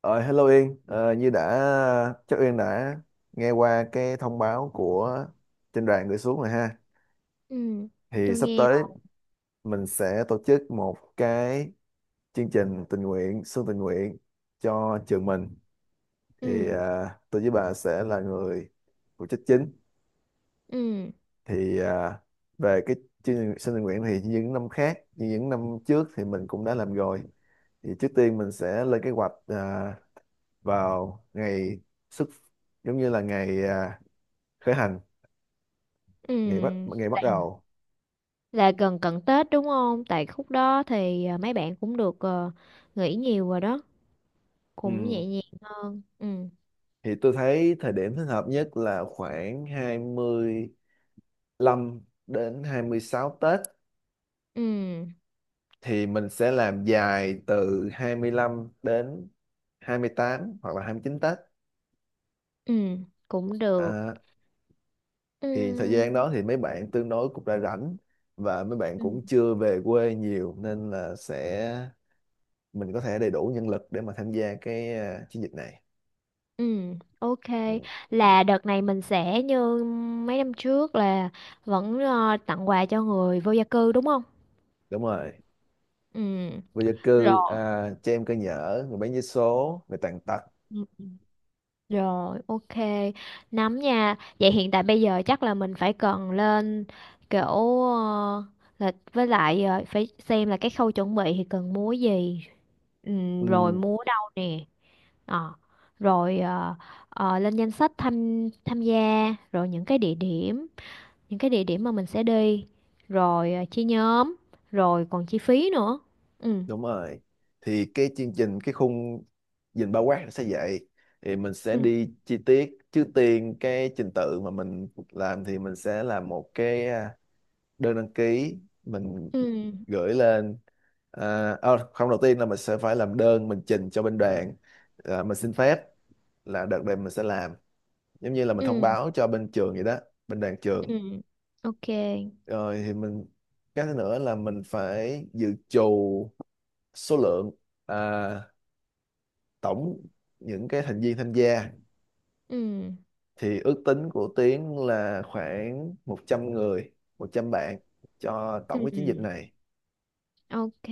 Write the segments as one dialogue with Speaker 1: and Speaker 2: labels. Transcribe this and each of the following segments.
Speaker 1: Ờ, Hello Yên. Ờ, Như đã chắc Yên đã nghe qua cái thông báo của trên đoàn gửi xuống rồi ha.
Speaker 2: Ừ,
Speaker 1: Thì
Speaker 2: tôi
Speaker 1: sắp
Speaker 2: nghe
Speaker 1: tới mình sẽ tổ chức một cái chương trình tình nguyện, xuân tình nguyện cho trường mình. Thì
Speaker 2: ừ,
Speaker 1: tôi với bà sẽ là người phụ trách chính.
Speaker 2: ừ,
Speaker 1: Thì về cái chương trình xuân tình nguyện thì như những năm khác, như những năm trước thì mình cũng đã làm rồi. Thì trước tiên mình sẽ lên kế hoạch vào ngày xuất, giống như là ngày, khởi hành, ngày bắt
Speaker 2: ừ.
Speaker 1: ngày bắt đầu.
Speaker 2: là gần cận Tết đúng không? Tại khúc đó thì mấy bạn cũng được nghỉ nhiều rồi đó, cũng
Speaker 1: Ừm,
Speaker 2: nhẹ nhàng hơn. Ừ,
Speaker 1: thì tôi thấy thời điểm thích hợp nhất là khoảng 25 đến 26 Tết,
Speaker 2: ừ,
Speaker 1: thì mình sẽ làm dài từ 25 đến 28 hoặc là 29 Tết.
Speaker 2: ừ, cũng được.
Speaker 1: à, thì thời
Speaker 2: Ừ,
Speaker 1: gian đó thì mấy bạn tương đối cũng đã rảnh và mấy bạn
Speaker 2: ừ,
Speaker 1: cũng chưa về quê nhiều nên là sẽ mình có thể đầy đủ nhân lực để mà tham gia cái chiến dịch này.
Speaker 2: ừ, ok.
Speaker 1: Ừ,
Speaker 2: Là đợt này mình sẽ như mấy năm trước là vẫn tặng quà cho người vô gia cư đúng không?
Speaker 1: đúng rồi,
Speaker 2: Ừ,
Speaker 1: vô gia cư,
Speaker 2: rồi.
Speaker 1: trẻ em cơ nhở, người bán vé số, người tàn tật.
Speaker 2: Rồi, ok. Nắm nha. Vậy hiện tại bây giờ chắc là mình phải cần lên kiểu ờ, là với lại phải xem là cái khâu chuẩn bị thì cần múa gì. Rồi
Speaker 1: Ừ,
Speaker 2: múa đâu nè. Ờ, rồi ờ, lên danh sách tham tham gia, rồi những cái địa điểm, những cái địa điểm mà mình sẽ đi, rồi chia nhóm, rồi còn chi phí nữa. Ừ,
Speaker 1: đúng rồi. Thì cái chương trình, cái khung nhìn bao quát nó sẽ vậy. Thì mình sẽ
Speaker 2: ừ,
Speaker 1: đi chi tiết. Trước tiên cái trình tự mà mình làm thì mình sẽ làm một cái đơn đăng ký mình
Speaker 2: ừ,
Speaker 1: gửi lên. Không, đầu tiên là mình sẽ phải làm đơn mình trình cho bên đoàn. Mình xin phép là đợt này mình sẽ làm. Giống như là mình thông
Speaker 2: ừ,
Speaker 1: báo cho bên trường vậy đó, bên đoàn trường.
Speaker 2: ừ. Ok.
Speaker 1: Rồi thì mình, cái thứ nữa là mình phải dự trù số lượng. À, Tổng những cái thành viên tham gia
Speaker 2: Ừ,
Speaker 1: thì ước tính của Tiến là khoảng 100 người, 100 bạn cho tổng cái chiến dịch
Speaker 2: ừ.
Speaker 1: này.
Speaker 2: Ok,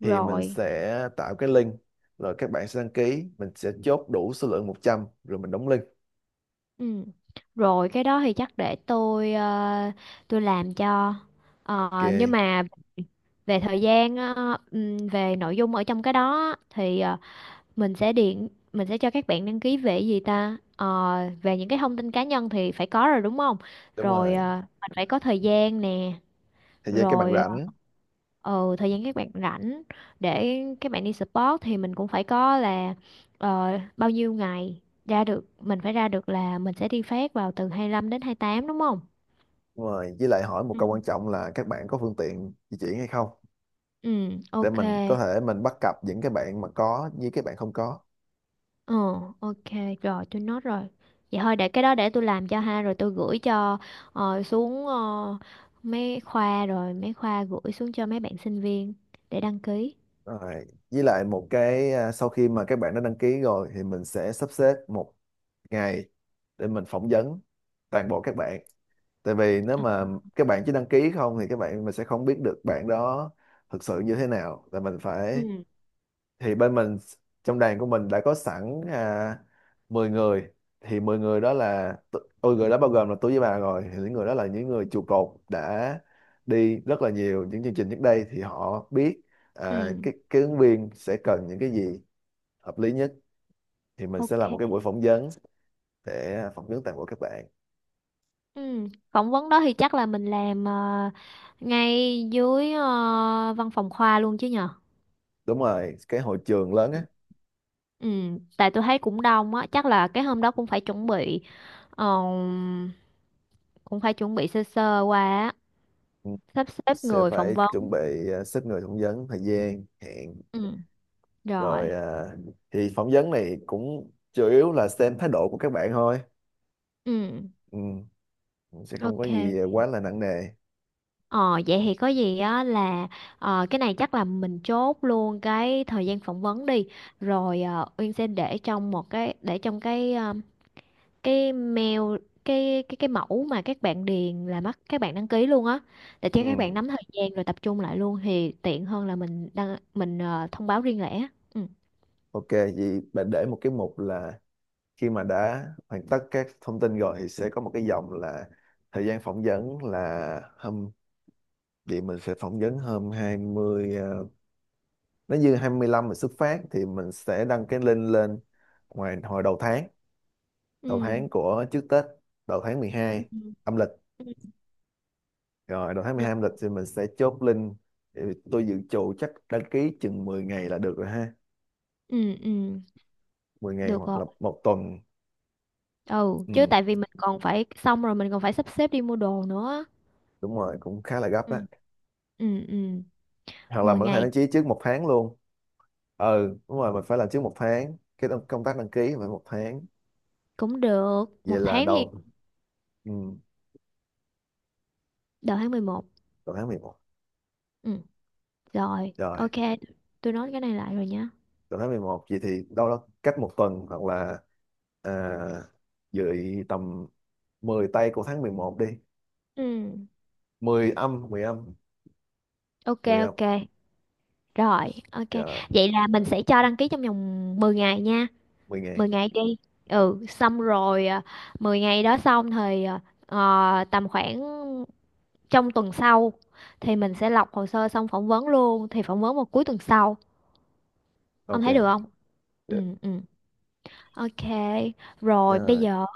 Speaker 1: Thì mình
Speaker 2: rồi.
Speaker 1: sẽ tạo cái link, rồi các bạn sẽ đăng ký, mình sẽ chốt đủ số lượng 100 rồi mình đóng link.
Speaker 2: Ừ. Rồi cái đó thì chắc để tôi tôi làm cho. Ờ, nhưng
Speaker 1: Ok.
Speaker 2: mà về thời gian về nội dung ở trong cái đó thì mình sẽ điện mình sẽ cho các bạn đăng ký về gì ta? Ờ, về những cái thông tin cá nhân thì phải có rồi đúng không?
Speaker 1: Đúng
Speaker 2: Rồi
Speaker 1: rồi,
Speaker 2: mình phải có thời gian nè,
Speaker 1: thời gian các bạn
Speaker 2: rồi
Speaker 1: rảnh.
Speaker 2: ờ ừ, thời gian các bạn rảnh để các bạn đi sport thì mình cũng phải có là ờ, bao nhiêu ngày ra được mình phải ra được là mình sẽ đi phát vào từ 25 đến 28 đúng không?
Speaker 1: Đúng rồi, với lại hỏi một
Speaker 2: Ừ.
Speaker 1: câu quan trọng là các bạn có phương tiện di chuyển hay không,
Speaker 2: Ừ,
Speaker 1: để
Speaker 2: ok.
Speaker 1: mình có thể, mình bắt cặp những cái bạn mà có với các bạn không có.
Speaker 2: Ờ, ok, rồi tôi nốt rồi. Vậy thôi để cái đó để tôi làm cho ha rồi tôi gửi cho xuống mấy khoa rồi mấy khoa gửi xuống cho mấy bạn sinh viên để đăng ký.
Speaker 1: Rồi với lại một cái, sau khi mà các bạn đã đăng ký rồi thì mình sẽ sắp xếp một ngày để mình phỏng vấn toàn bộ các bạn. Tại vì nếu
Speaker 2: Ờ,
Speaker 1: mà các bạn chỉ đăng ký không thì các bạn, mình sẽ không biết được bạn đó thực sự như thế nào là mình
Speaker 2: Ừ,
Speaker 1: phải. Thì bên mình, trong đoàn của mình đã có sẵn, 10 người. Thì 10 người đó là ôi, người đó bao gồm là tôi với bà, rồi thì những người đó là những người trụ cột đã đi rất là nhiều những chương trình trước đây thì họ biết
Speaker 2: ừ,
Speaker 1: cái ứng viên sẽ cần những cái gì hợp lý nhất. Thì mình sẽ làm một cái
Speaker 2: ok.
Speaker 1: buổi phỏng vấn để phỏng vấn toàn bộ các bạn.
Speaker 2: Ừ. Phỏng vấn đó thì chắc là mình làm ngay dưới văn phòng khoa luôn chứ nhờ.
Speaker 1: Đúng rồi, cái hội trường lớn
Speaker 2: Ừ,
Speaker 1: á.
Speaker 2: Ừ, tại tôi thấy cũng đông á, chắc là cái hôm đó cũng phải chuẩn bị ờ, cũng phải chuẩn bị sơ sơ qua á,
Speaker 1: Ừ,
Speaker 2: sắp xếp
Speaker 1: sẽ
Speaker 2: người phỏng
Speaker 1: phải chuẩn
Speaker 2: vấn.
Speaker 1: bị, xếp người phỏng vấn, thời gian hẹn.
Speaker 2: Ừ,
Speaker 1: Rồi,
Speaker 2: rồi.
Speaker 1: thì phỏng vấn này cũng chủ yếu là xem thái độ của các bạn thôi,
Speaker 2: Ừ,
Speaker 1: ừ, sẽ không có
Speaker 2: ok.
Speaker 1: gì quá là nặng nề.
Speaker 2: Ờ vậy thì có gì á là cái này chắc là mình chốt luôn cái thời gian phỏng vấn đi. Rồi Uyên sẽ để trong một cái để trong cái cái mail cái mẫu mà các bạn điền là mất các bạn đăng ký luôn á để cho các bạn
Speaker 1: Ừ,
Speaker 2: nắm thời gian rồi tập trung lại luôn thì tiện hơn là mình đăng mình thông báo riêng lẻ. ừ
Speaker 1: ok, vậy bạn để một cái mục là, khi mà đã hoàn tất các thông tin rồi thì sẽ có một cái dòng là thời gian phỏng vấn là hôm, vậy mình sẽ phỏng vấn hôm 20. Nếu như 25 mình xuất phát thì mình sẽ đăng cái link lên ngoài hồi đầu tháng,
Speaker 2: ừ
Speaker 1: của trước Tết, đầu tháng mười
Speaker 2: ừ
Speaker 1: hai âm lịch.
Speaker 2: ừ
Speaker 1: Rồi đầu tháng mười
Speaker 2: Rồi.
Speaker 1: hai âm lịch thì mình sẽ chốt link. Thì tôi dự trù chắc đăng ký chừng 10 ngày là được rồi ha,
Speaker 2: ừ ừ.
Speaker 1: 10 ngày
Speaker 2: Được
Speaker 1: hoặc
Speaker 2: rồi.
Speaker 1: là một tuần.
Speaker 2: Ừ, chứ
Speaker 1: Ừ,
Speaker 2: tại vì mình còn phải xong rồi mình còn phải sắp xếp đi mua đồ nữa.
Speaker 1: đúng rồi, cũng khá là gấp
Speaker 2: ừ
Speaker 1: á,
Speaker 2: ừ ừ
Speaker 1: hoặc là
Speaker 2: 10
Speaker 1: mình có thể
Speaker 2: ngày
Speaker 1: đăng ký trước một tháng luôn. Ừ, đúng rồi, mình phải làm trước một tháng, cái công tác đăng ký phải một tháng.
Speaker 2: cũng được. Một
Speaker 1: Vậy là
Speaker 2: tháng thì
Speaker 1: đầu, ừ,
Speaker 2: đầu tháng 11.
Speaker 1: đầu tháng 11.
Speaker 2: ừ Rồi,
Speaker 1: Rồi
Speaker 2: ok. Tôi nói cái này lại rồi nhá.
Speaker 1: đầu tháng 11 vậy thì đâu đó cách một tuần, hoặc là à, dự tầm 10 tây của tháng 11 đi.
Speaker 2: ừ
Speaker 1: 10 âm, 10 âm,
Speaker 2: ok,
Speaker 1: 10 âm.
Speaker 2: ok. Rồi, ok.
Speaker 1: Dạ rồi,
Speaker 2: Vậy là mình sẽ cho đăng ký trong vòng 10 ngày nha.
Speaker 1: 10 ngày.
Speaker 2: 10 ngày đi. Ừ, xong rồi 10 ngày đó xong thì tầm khoảng trong tuần sau thì mình sẽ lọc hồ sơ xong phỏng vấn luôn, thì phỏng vấn vào cuối tuần sau. Ông
Speaker 1: Ok.
Speaker 2: thấy được không? Ừ
Speaker 1: Đ-
Speaker 2: ừ. Ok.
Speaker 1: dạ
Speaker 2: Rồi bây
Speaker 1: rồi.
Speaker 2: giờ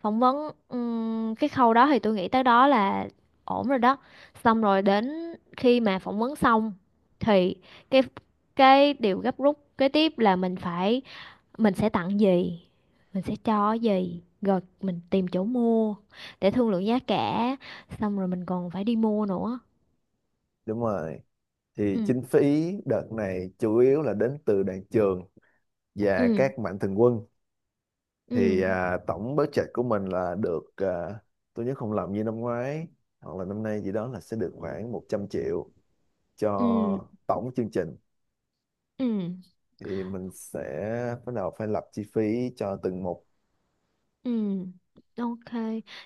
Speaker 2: phỏng vấn cái khâu đó thì tôi nghĩ tới đó là ổn rồi đó xong rồi đến khi mà phỏng vấn xong thì cái cái điều gấp rút kế tiếp là mình phải mình sẽ tặng gì mình sẽ cho cái gì rồi mình tìm chỗ mua để thương lượng giá cả xong rồi mình còn phải đi mua nữa.
Speaker 1: Đúng rồi, thì
Speaker 2: ừ
Speaker 1: kinh phí đợt này chủ yếu là đến từ đoàn trường và
Speaker 2: ừ
Speaker 1: các mạnh thường quân. Thì
Speaker 2: ừ
Speaker 1: tổng budget của mình là được, tôi nhớ không lầm như năm ngoái hoặc là năm nay gì đó là sẽ được khoảng 100 triệu cho
Speaker 2: ừ
Speaker 1: tổng chương trình.
Speaker 2: ừ
Speaker 1: Thì mình sẽ bắt đầu phải lập chi phí cho từng một.
Speaker 2: Ừ, ok.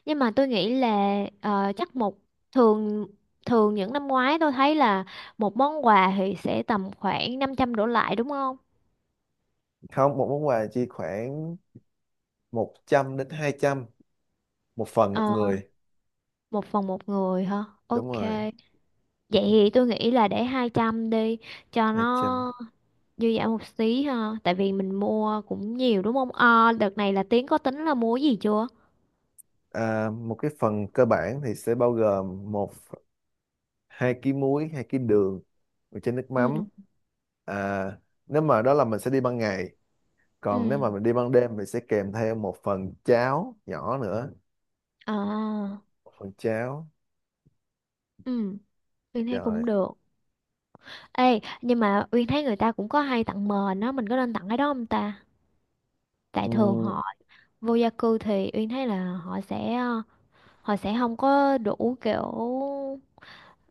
Speaker 2: Nhưng mà tôi nghĩ là chắc một thường thường những năm ngoái tôi thấy là một món quà thì sẽ tầm khoảng 500 đổ lại đúng không?
Speaker 1: Không, một món quà chi khoảng 100 đến 200 một phần một
Speaker 2: Ờ,
Speaker 1: người.
Speaker 2: một phần một người hả?
Speaker 1: Đúng
Speaker 2: Ok.
Speaker 1: rồi,
Speaker 2: Vậy thì tôi nghĩ là để 200 đi cho
Speaker 1: 200.
Speaker 2: nó dư dả một xí ha. Tại vì mình mua cũng nhiều đúng không? Ờ, đợt này là Tiến có tính là mua cái gì chưa?
Speaker 1: Một cái phần cơ bản thì sẽ bao gồm một, 2 ký muối, 2 ký đường, một chén nước
Speaker 2: Ừ,
Speaker 1: mắm. À, Nếu mà đó là mình sẽ đi ban ngày, còn nếu
Speaker 2: ừ.
Speaker 1: mà mình đi ban đêm mình sẽ kèm theo một phần cháo nhỏ nữa,
Speaker 2: À,
Speaker 1: một phần cháo.
Speaker 2: ừ, tôi thấy
Speaker 1: Rồi.
Speaker 2: cũng được. Ê, nhưng mà Uyên thấy người ta cũng có hay tặng mền á, mình có nên tặng cái đó không ta? Tại thường
Speaker 1: Ừ,
Speaker 2: họ vô gia cư thì Uyên thấy là họ sẽ họ sẽ không có đủ kiểu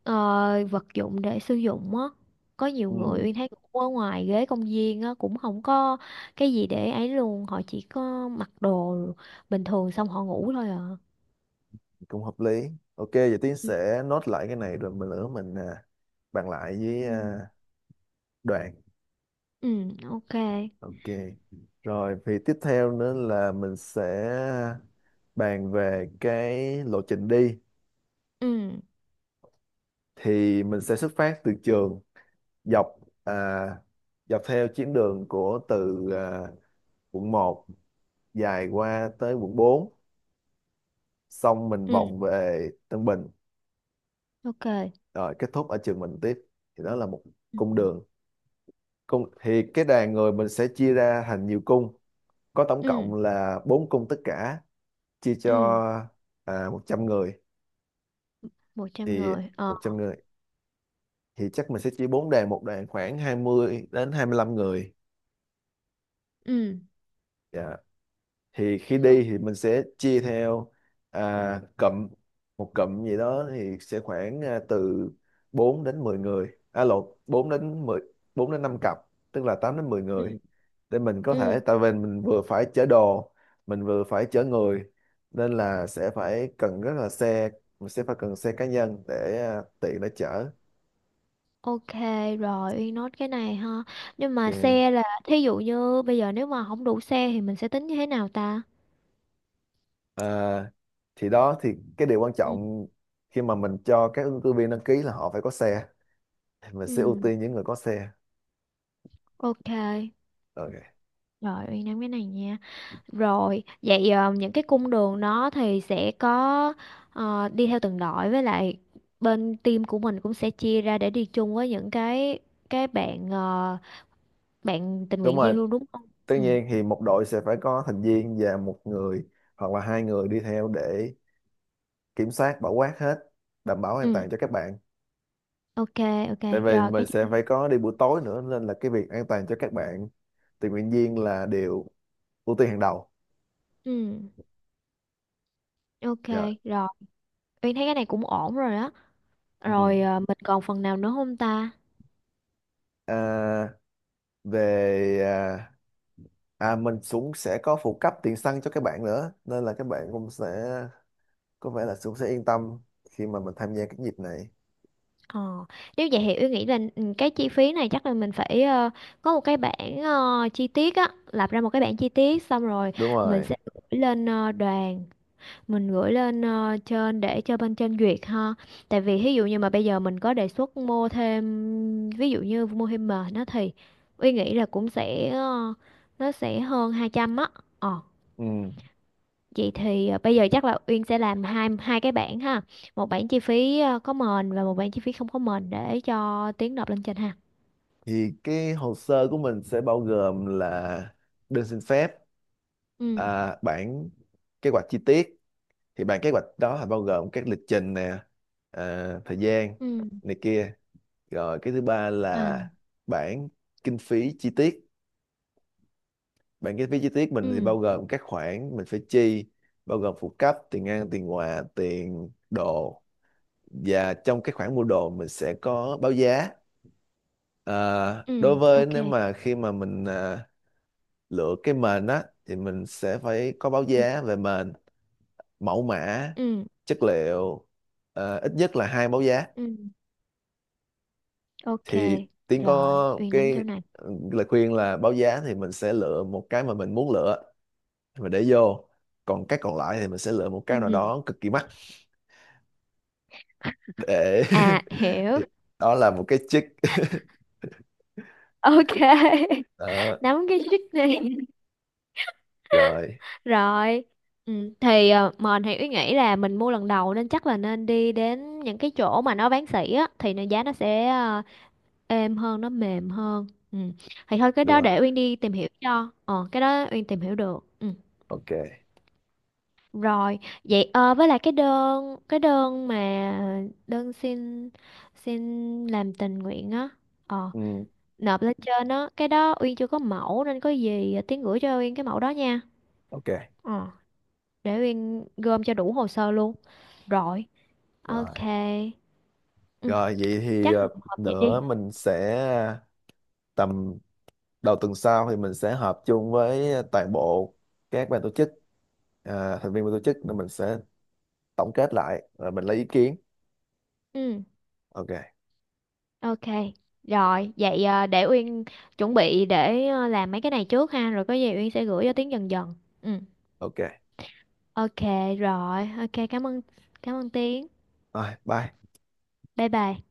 Speaker 2: ờ, vật dụng để sử dụng á. Có nhiều người
Speaker 1: ừ,
Speaker 2: Uyên thấy cũng ở ngoài ghế công viên á cũng không có cái gì để ấy luôn, họ chỉ có mặc đồ bình thường xong họ ngủ thôi à.
Speaker 1: cũng hợp lý. Ok, giờ Tiến
Speaker 2: Ừ,
Speaker 1: sẽ nốt lại cái này rồi mình nữa mình, bàn lại với,
Speaker 2: ừ,
Speaker 1: đoàn.
Speaker 2: ừ, ok.
Speaker 1: Ok. Rồi thì tiếp theo nữa là mình sẽ bàn về cái lộ trình đi.
Speaker 2: Ừ,
Speaker 1: Thì mình sẽ xuất phát từ trường dọc, à, dọc theo chuyến đường của từ, quận một dài qua tới quận 4. Xong mình
Speaker 2: ừ,
Speaker 1: vòng về Tân Bình,
Speaker 2: ok.
Speaker 1: rồi kết thúc ở trường mình tiếp. Thì đó là một
Speaker 2: Ừ,
Speaker 1: cung đường. Cung thì cái đoàn người mình sẽ chia ra thành nhiều cung, có tổng
Speaker 2: ừ,
Speaker 1: cộng là 4 cung tất cả, chia cho
Speaker 2: ừ,
Speaker 1: 100 người.
Speaker 2: 100
Speaker 1: Thì
Speaker 2: người.
Speaker 1: 100 người thì chắc mình sẽ chia 4 đoàn, một đoàn khoảng 20 đến 25 người.
Speaker 2: Ừ.
Speaker 1: Dạ. Thì khi đi thì mình sẽ chia theo cụm. Một cụm gì đó thì sẽ khoảng, từ 4 đến 10 người, à lộn, 4 đến mười, 4 đến 5 cặp tức là 8 đến 10 người,
Speaker 2: Ok.
Speaker 1: để mình có
Speaker 2: Ừ,
Speaker 1: thể, tại vì mình vừa phải chở đồ, mình vừa phải chở người, nên là sẽ phải cần rất là xe. Mình sẽ phải cần xe cá nhân để, tiện để chở.
Speaker 2: ok rồi Uyên nốt cái này ha. Nhưng mà
Speaker 1: Ok.
Speaker 2: xe là thí dụ như bây giờ nếu mà không đủ xe thì mình sẽ tính như thế nào ta?
Speaker 1: À, thì đó thì cái điều quan
Speaker 2: Ừ,
Speaker 1: trọng khi mà mình cho các ứng cử viên đăng ký là họ phải có xe, mình sẽ ưu
Speaker 2: ừ,
Speaker 1: tiên những người có xe.
Speaker 2: ok.
Speaker 1: Ok.
Speaker 2: Rồi Uyên nắm cái này nha. Rồi, vậy những cái cung đường đó thì sẽ có đi theo từng đội với lại bên team của mình cũng sẽ chia ra để đi chung với những cái bạn bạn tình
Speaker 1: Đúng
Speaker 2: nguyện
Speaker 1: rồi,
Speaker 2: viên luôn đúng không?
Speaker 1: tất
Speaker 2: Ừ,
Speaker 1: nhiên thì một đội sẽ phải có thành viên và một người hoặc là hai người đi theo để kiểm soát bảo quát hết, đảm bảo an
Speaker 2: ừ,
Speaker 1: toàn cho các bạn.
Speaker 2: ok ok.
Speaker 1: Tại vì
Speaker 2: Rồi
Speaker 1: mình
Speaker 2: cái
Speaker 1: sẽ phải có đi buổi tối nữa nên là cái việc an toàn cho các bạn tình nguyện viên là điều ưu tiên hàng đầu.
Speaker 2: ừ,
Speaker 1: Dạ.
Speaker 2: ok rồi. Uyên thấy cái này cũng ổn rồi đó.
Speaker 1: Ừ.
Speaker 2: Rồi mình còn phần nào nữa không ta?
Speaker 1: à, về à, mình cũng sẽ có phụ cấp tiền xăng cho các bạn nữa nên là các bạn cũng sẽ có vẻ là cũng sẽ yên tâm khi mà mình tham gia cái dịp này.
Speaker 2: Ờ, nếu vậy thì Uyên nghĩ là ừ, cái chi phí này chắc là mình phải có một cái bảng chi tiết á, lập ra một cái bảng chi tiết xong rồi
Speaker 1: Đúng
Speaker 2: mình
Speaker 1: rồi.
Speaker 2: sẽ gửi lên đoàn, mình gửi lên trên để cho bên trên duyệt ha. Tại vì ví dụ như mà bây giờ mình có đề xuất mua thêm ví dụ như mua thêm mền nó thì Uyên nghĩ là cũng sẽ nó sẽ hơn 200 á. Ờ.
Speaker 1: Ừ.
Speaker 2: Vậy thì bây giờ chắc là Uyên sẽ làm hai hai cái bảng ha. Một bảng chi phí có mền và một bảng chi phí không có mền để cho Tiến nộp lên trên ha.
Speaker 1: Thì cái hồ sơ của mình sẽ bao gồm là đơn xin phép,
Speaker 2: Ừ.
Speaker 1: bản kế hoạch chi tiết. Thì bản kế hoạch đó là bao gồm các lịch trình nè, thời gian
Speaker 2: Ừ.
Speaker 1: này kia. Rồi cái thứ ba
Speaker 2: À.
Speaker 1: là bản kinh phí chi tiết. Bản kế phí chi tiết mình thì
Speaker 2: Ừ.
Speaker 1: bao gồm các khoản mình phải chi, bao gồm phụ cấp, tiền ăn, tiền quà, tiền đồ, và trong cái khoản mua đồ mình sẽ có báo giá. À, Đối
Speaker 2: Ừ.
Speaker 1: với,
Speaker 2: Ok.
Speaker 1: nếu mà khi mà mình lựa cái mền á thì mình sẽ phải có báo
Speaker 2: Ừ.
Speaker 1: giá về mền, mẫu mã,
Speaker 2: Ừ.
Speaker 1: chất liệu, ít nhất là hai báo giá.
Speaker 2: Ừ. Ok.
Speaker 1: Thì Tiến
Speaker 2: Rồi,
Speaker 1: có
Speaker 2: Uyên nắm
Speaker 1: cái
Speaker 2: chỗ này.
Speaker 1: lời khuyên là báo giá thì mình sẽ lựa một cái mà mình muốn lựa mà để vô, còn cái còn lại thì mình sẽ lựa một
Speaker 2: Ừ.
Speaker 1: cái nào
Speaker 2: ừ.
Speaker 1: đó cực kỳ mắc để
Speaker 2: À, hiểu.
Speaker 1: đó là một cái chick
Speaker 2: Ok.
Speaker 1: đó.
Speaker 2: Nắm cái trick này.
Speaker 1: Rồi,
Speaker 2: Rồi. Ừ. Thì mền thì Uyên nghĩ là mình mua lần đầu nên chắc là nên đi đến những cái chỗ mà nó bán sỉ á thì nó giá nó sẽ êm hơn nó mềm hơn ừ. Thì thôi cái
Speaker 1: đúng
Speaker 2: đó
Speaker 1: rồi.
Speaker 2: để Uyên đi tìm hiểu cho ờ cái đó Uyên tìm hiểu được ừ.
Speaker 1: Ok.
Speaker 2: Rồi vậy với lại cái đơn xin xin làm tình nguyện á ờ
Speaker 1: Ừ,
Speaker 2: nộp lên trên á cái đó Uyên chưa có mẫu nên có gì Tiến gửi cho Uyên cái mẫu đó nha.
Speaker 1: ok.
Speaker 2: Ờ, để Uyên gom cho đủ hồ sơ luôn rồi
Speaker 1: Rồi,
Speaker 2: ok ừ.
Speaker 1: rồi, vậy thì
Speaker 2: Chắc hợp vậy
Speaker 1: nữa
Speaker 2: đi.
Speaker 1: mình sẽ tầm đầu tuần sau thì mình sẽ họp chung với toàn bộ các ban tổ chức, thành viên ban tổ chức, nên mình sẽ tổng kết lại rồi mình lấy ý kiến.
Speaker 2: Ừ.
Speaker 1: Ok.
Speaker 2: Ok, rồi, vậy để Uyên chuẩn bị để làm mấy cái này trước ha, rồi có gì Uyên sẽ gửi cho Tiến dần dần. Ừ,
Speaker 1: Ok.
Speaker 2: ok rồi, ok cảm ơn Tiến.
Speaker 1: Rồi, bye.
Speaker 2: Bye bye.